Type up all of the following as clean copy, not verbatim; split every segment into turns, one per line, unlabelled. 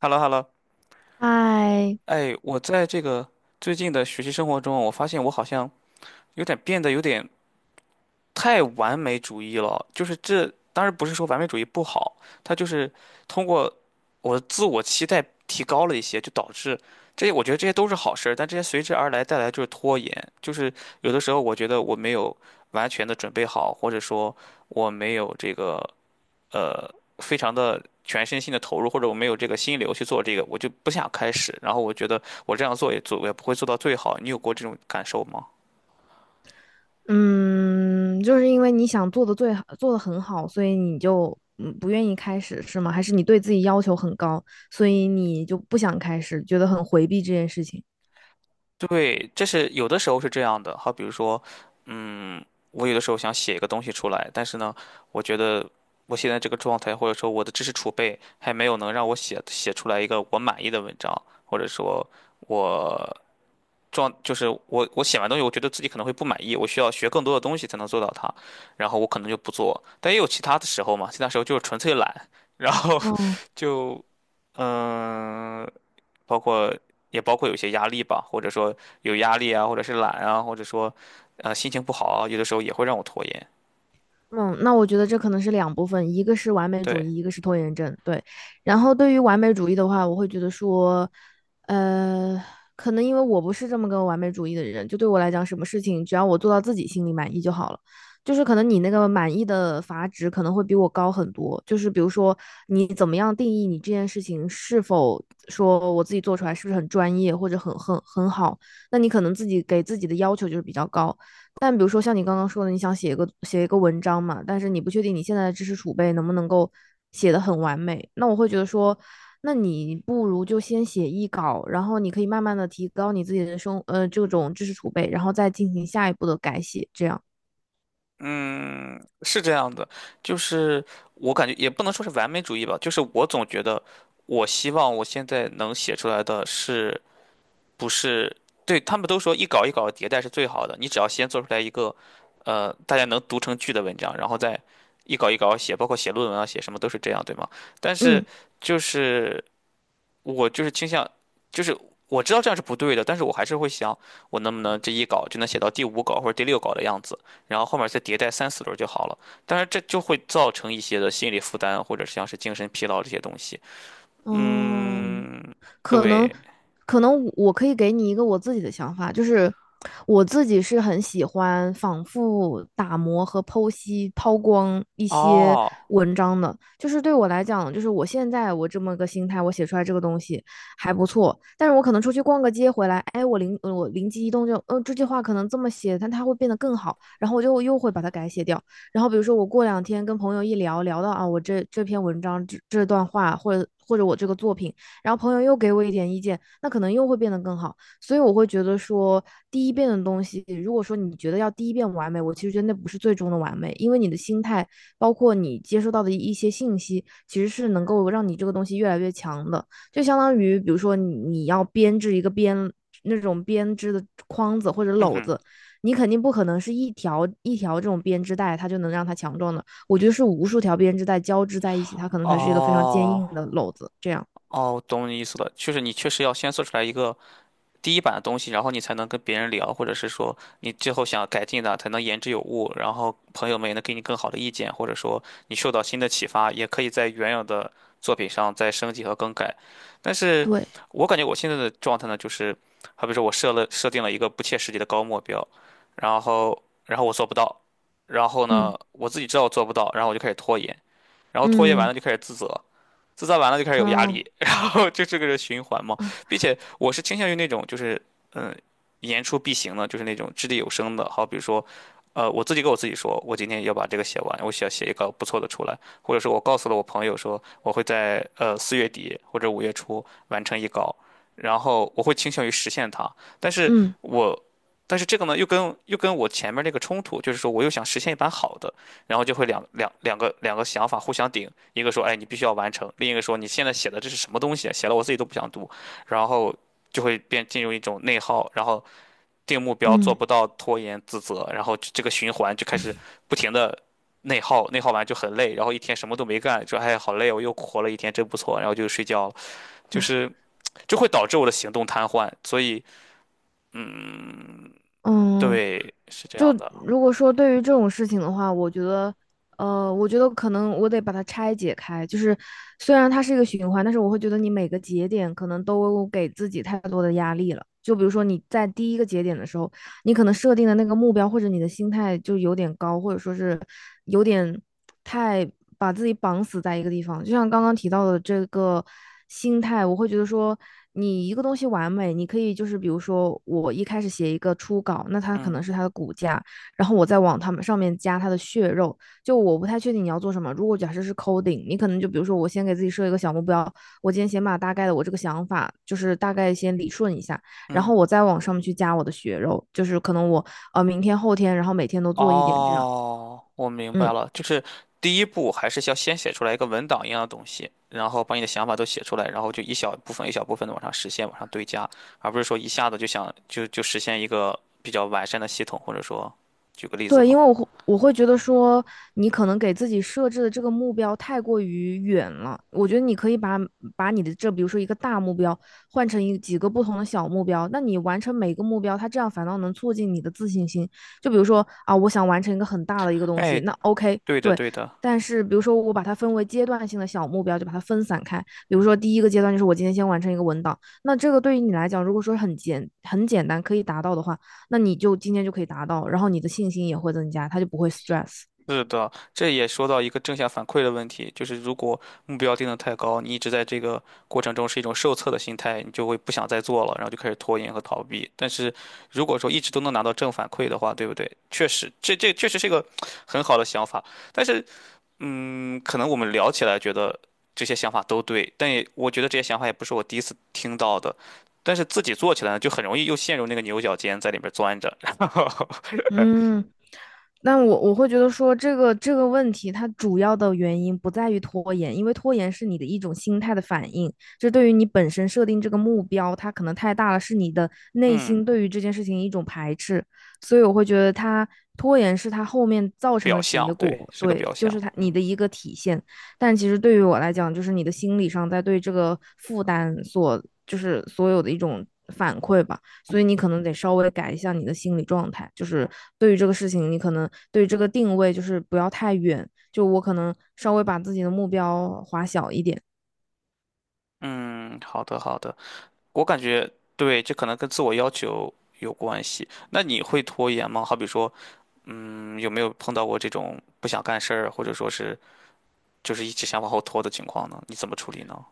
h e l l o h e l l o。
哎，
哎，我在这个最近的学习生活中，我发现我好像变得有点太完美主义了。就是这，当然不是说完美主义不好，它就是通过我的自我期待提高了一些，就导致这些，我觉得这些都是好事儿，但这些随之而来带来就是拖延。就是有的时候我觉得我没有完全的准备好，或者说我没有这个。呃非常的全身心的投入，或者我没有这个心流去做这个，我就不想开始。然后我觉得我这样做也做，我也不会做到最好。你有过这种感受吗？
嗯，就是因为你想做的最好，做的很好，所以你就不愿意开始，是吗？还是你对自己要求很高，所以你就不想开始，觉得很回避这件事情？
对，这是有的时候是这样的。好，比如说，嗯，我有的时候想写一个东西出来，但是呢，我觉得我现在这个状态，或者说我的知识储备，还没有能让我写出来一个我满意的文章，或者说我就是我写完东西，我觉得自己可能会不满意，我需要学更多的东西才能做到它，然后我可能就不做。但也有其他的时候嘛，其他时候就是纯粹懒，然后
哦，
就嗯。包括也包括有些压力吧，或者说有压力啊，或者是懒啊，或者说心情不好啊，有的时候也会让我拖延。
嗯，那我觉得这可能是两部分，一个是完美主
对，
义，一个是拖延症。对，然后对于完美主义的话，我会觉得说，呃，可能因为我不是这么个完美主义的人，就对我来讲，什么事情只要我做到自己心里满意就好了。就是可能你那个满意的阀值可能会比我高很多。就是比如说，你怎么样定义你这件事情是否说我自己做出来是不是很专业或者很好，那你可能自己给自己的要求就是比较高。但比如说像你刚刚说的，你想写一个文章嘛，但是你不确定你现在的知识储备能不能够写得很完美，那我会觉得说，那你不如就先写一稿，然后你可以慢慢的提高你自己的这种知识储备，然后再进行下一步的改写，这样，
嗯，是这样的，就是我感觉也不能说是完美主义吧，就是我总觉得我希望我现在能写出来的是，不是，对，他们都说一稿一稿迭代是最好的，你只要先做出来一个大家能读成句的文章，然后再一稿一稿写，包括写论文啊写什么都是这样，对吗？但是
嗯。
就是。我就是倾向，就是我知道这样是不对的，但是我还是会想，我能不能这一稿就能写到第五稿或者第六稿的样子，然后后面再迭代三四轮就好了。但是这就会造成一些的心理负担，或者像是精神疲劳这些东西。
哦，
嗯，
可能
对，
可能我可以给你一个我自己的想法，就是我自己是很喜欢反复打磨和剖析、抛光一些
哦，
文章的。就是对我来讲，就是我现在我这么个心态，我写出来这个东西还不错，但是我可能出去逛个街回来，哎，我灵机一动就，嗯，这句话可能这么写，但它会变得更好，然后我就又会把它改写掉。然后比如说我过两天跟朋友一聊，聊到啊，我这篇文章这段话，或者我这个作品。然后朋友又给我一点意见，那可能又会变得更好。所以我会觉得说，第一遍的东西，如果说你觉得要第一遍完美，我其实觉得那不是最终的完美，因为你的心态，包括你接收到的一些信息，其实是能够让你这个东西越来越强的。就相当于，比如说你要编织一个那种编织的筐子或者
嗯
篓
哼，
子，你肯定不可能是一条一条这种编织带，它就能让它强壮的。我觉得是无数条编织带交织在一起，它可能才是一个非常坚硬
哦。
的篓子。这样，
哦，懂你意思了，就是你确实要先做出来一个第一版的东西，然后你才能跟别人聊，或者是说你最后想改进的，才能言之有物，然后朋友们也能给你更好的意见，或者说你受到新的启发，也可以在原有的作品上再升级和更改。但是
对，
我感觉我现在的状态呢，就是好比说我设定了一个不切实际的高目标，然后我做不到，然后
嗯
呢我自己知道我做不到，然后我就开始拖延，然后拖延完
嗯
了就开始自责。自造完了就开始有压
嗯
力，然后就这个是循环嘛。并且我是倾向于那种就是嗯言出必行的，就是那种掷地有声的。好比如说，我自己跟我自己说，我今天要把这个写完，我想写一个不错的出来，或者说我告诉了我朋友说我会在4月底或者5月初完成一稿，然后我会倾向于实现它。但是
嗯
我这个呢又跟我前面那个冲突，就是说我又想实现一版好的，然后就会两个想法互相顶，一个说，哎，你必须要完成；另一个说，你现在写的这是什么东西啊写了我自己都不想读，然后就会进入一种内耗，然后定目标
嗯
做
嗯
不到，拖延自责，然后这个循环就开始不停的内耗，内耗完就很累，然后一天什么都没干，说，哎，好累哦我又活了一天，真不错，然后就睡觉了，就是就会导致我的行动瘫痪，所以，嗯，
嗯，
对，是这样
就
的，
如果说对于这种事情的话，我觉得，我觉得可能我得把它拆解开。就是虽然它是一个循环，但是我会觉得你每个节点可能都给自己太多的压力了。就比如说你在第一个节点的时候，你可能设定的那个目标或者你的心态就有点高，或者说是有点太把自己绑死在一个地方。就像刚刚提到的这个心态，我会觉得说，你一个东西完美，你可以就是比如说我一开始写一个初稿，那它可
嗯
能是它的骨架，然后我再往它们上面加它的血肉。就我不太确定你要做什么。如果假设是 coding，你可能就比如说我先给自己设一个小目标，我今天先把大概的我这个想法就是大概先理顺一下。然后
嗯。
我再往上面去加我的血肉，就是可能我明天后天，然后每天都做一点这样。
哦，我明
嗯，
白了，就是第一步还是要先写出来一个文档一样的东西，然后把你的想法都写出来，然后就一小部分一小部分的往上实现，往上堆加，而不是说一下子就想就实现一个比较完善的系统，或者说，举个例子
对，因
嘛。
为我会觉得说，你可能给自己设置的这个目标太过于远了。我觉得你可以把你的这，比如说一个大目标，换成几个不同的小目标。那你完成每个目标，它这样反倒能促进你的自信心。就比如说啊，我想完成一个很大的一个东西，
哎，
那 OK，
对的
对。
对的。
但是比如说我把它分为阶段性的小目标，就把它分散开。比如说第一个阶段就是我今天先完成一个文档，那这个对于你来讲，如果说很简单可以达到的话。那你就今天就可以达到，然后你的信心也会增加，他就不会 stress。
是的，这也说到一个正向反馈的问题，就是如果目标定得太高，你一直在这个过程中是一种受测的心态，你就会不想再做了，然后就开始拖延和逃避。但是如果说一直都能拿到正反馈的话，对不对？确实，这确实是一个很好的想法。但是，可能我们聊起来觉得这些想法都对，但也我觉得这些想法也不是我第一次听到的。但是自己做起来呢，就很容易又陷入那个牛角尖，在里边钻着。
嗯，但我会觉得说这个问题，它主要的原因不在于拖延，因为拖延是你的一种心态的反应，这对于你本身设定这个目标，它可能太大了，是你的内
嗯，
心对于这件事情一种排斥，所以我会觉得它拖延是它后面造成
表
的
象，
结
对，
果，
是个
对，
表
就
象。
是它你
嗯。
的一个体现。但其实对于我来讲，就是你的心理上在对这个负担所，就是所有的一种反馈吧。所以你可能得稍微改一下你的心理状态，就是对于这个事情，你可能对于这个定位就是不要太远，就我可能稍微把自己的目标划小一点，
嗯，好的好的，我感觉对，这可能跟自我要求有关系。那你会拖延吗？好比说，有没有碰到过这种不想干事儿，或者说是就是一直想往后拖的情况呢？你怎么处理呢？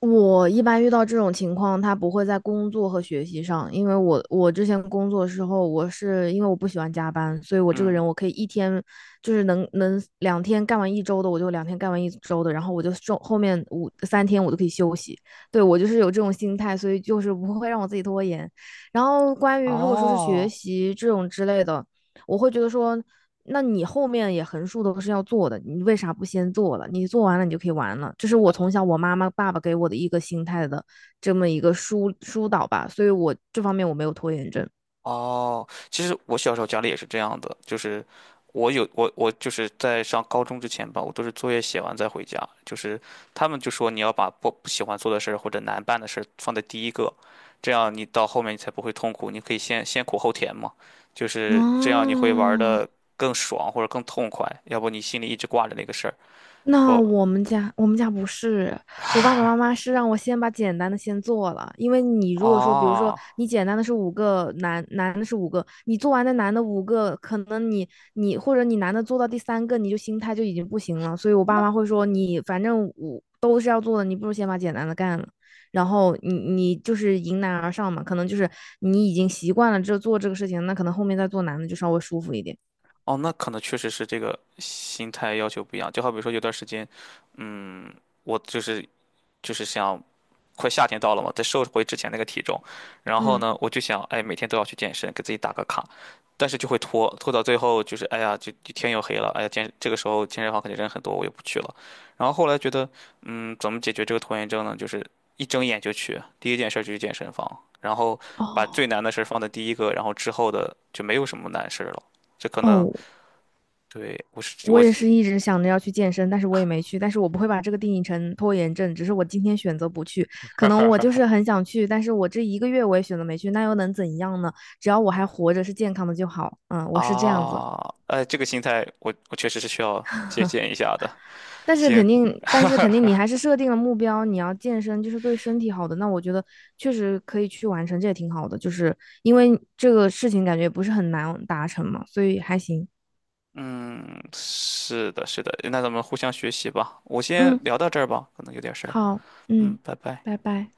我一般遇到这种情况，他不会在工作和学习上，因为我之前工作的时候，我是因为我不喜欢加班，所以我这个
嗯，
人我可以一天就是能两天干完一周的，我就两天干完一周的，然后我就后面三天我都可以休息。对，我就是有这种心态，所以就是不会让我自己拖延。然后关于如果说是学
哦。
习这种之类的，我会觉得说，那你后面也横竖都是要做的，你为啥不先做了？你做完了，你就可以玩了。这是我从小我妈妈、爸爸给我的一个心态的这么一个疏导吧，所以我这方面我没有拖延症。
哦，其实我小时候家里也是这样的，就是我有我我就是在上高中之前吧，我都是作业写完再回家。就是他们就说你要把不喜欢做的事儿或者难办的事儿放在第一个，这样你到后面你才不会痛苦，你可以先苦后甜嘛。就是这样你会玩
哦，
的更爽或者更痛快，要不你心里一直挂着那个事儿。
那
不，
我们家不是，我爸爸妈妈是让我先把简单的先做了，因为你如果说，比如说
哦。
你简单的是五个，男的是五个，你做完那男的五个，可能你或者你男的做到第三个，你就心态就已经不行了，所以我爸妈会说你反正五都是要做的，你不如先把简单的干了，然后你就是迎难而上嘛，可能就是你已经习惯了做这个事情，那可能后面再做难的就稍微舒服一点。
哦，那可能确实是这个心态要求不一样。就好比说，有段时间，嗯，我就是想，快夏天到了嘛，再瘦回之前那个体重。然后
嗯，
呢，我就想，哎，每天都要去健身，给自己打个卡。但是就会拖到最后就是，哎呀，就天又黑了，哎呀，这个时候健身房肯定人很多，我也不去了。然后后来觉得，怎么解决这个拖延症呢？就是一睁眼就去，第一件事儿就去健身房，然后把最
哦
难的事儿放在第一个，然后之后的就没有什么难事儿了。这可能。
哦，
对，我是
我
我
也
是
是一直想着要去健身，但是我也没去。但是我不会把这个定义成拖延症，只是我今天选择不去。可能我就是很想去，但是我这一个月我也选择没去，那又能怎样呢？只要我还活着，是健康的就好。嗯，我是这样子。
啊，这个心态我确实是需要借鉴一下的。
但是
行，
肯定，但是肯定，你还是设定了目标，你要健身，就是对身体好的。那我觉得确实可以去完成，这也挺好的。就是因为这个事情感觉不是很难达成嘛，所以还行。
嗯，是的，是的，那咱们互相学习吧。我先
嗯，
聊到这儿吧，可能有点事儿。
好，
嗯，
嗯，
拜拜。
拜拜。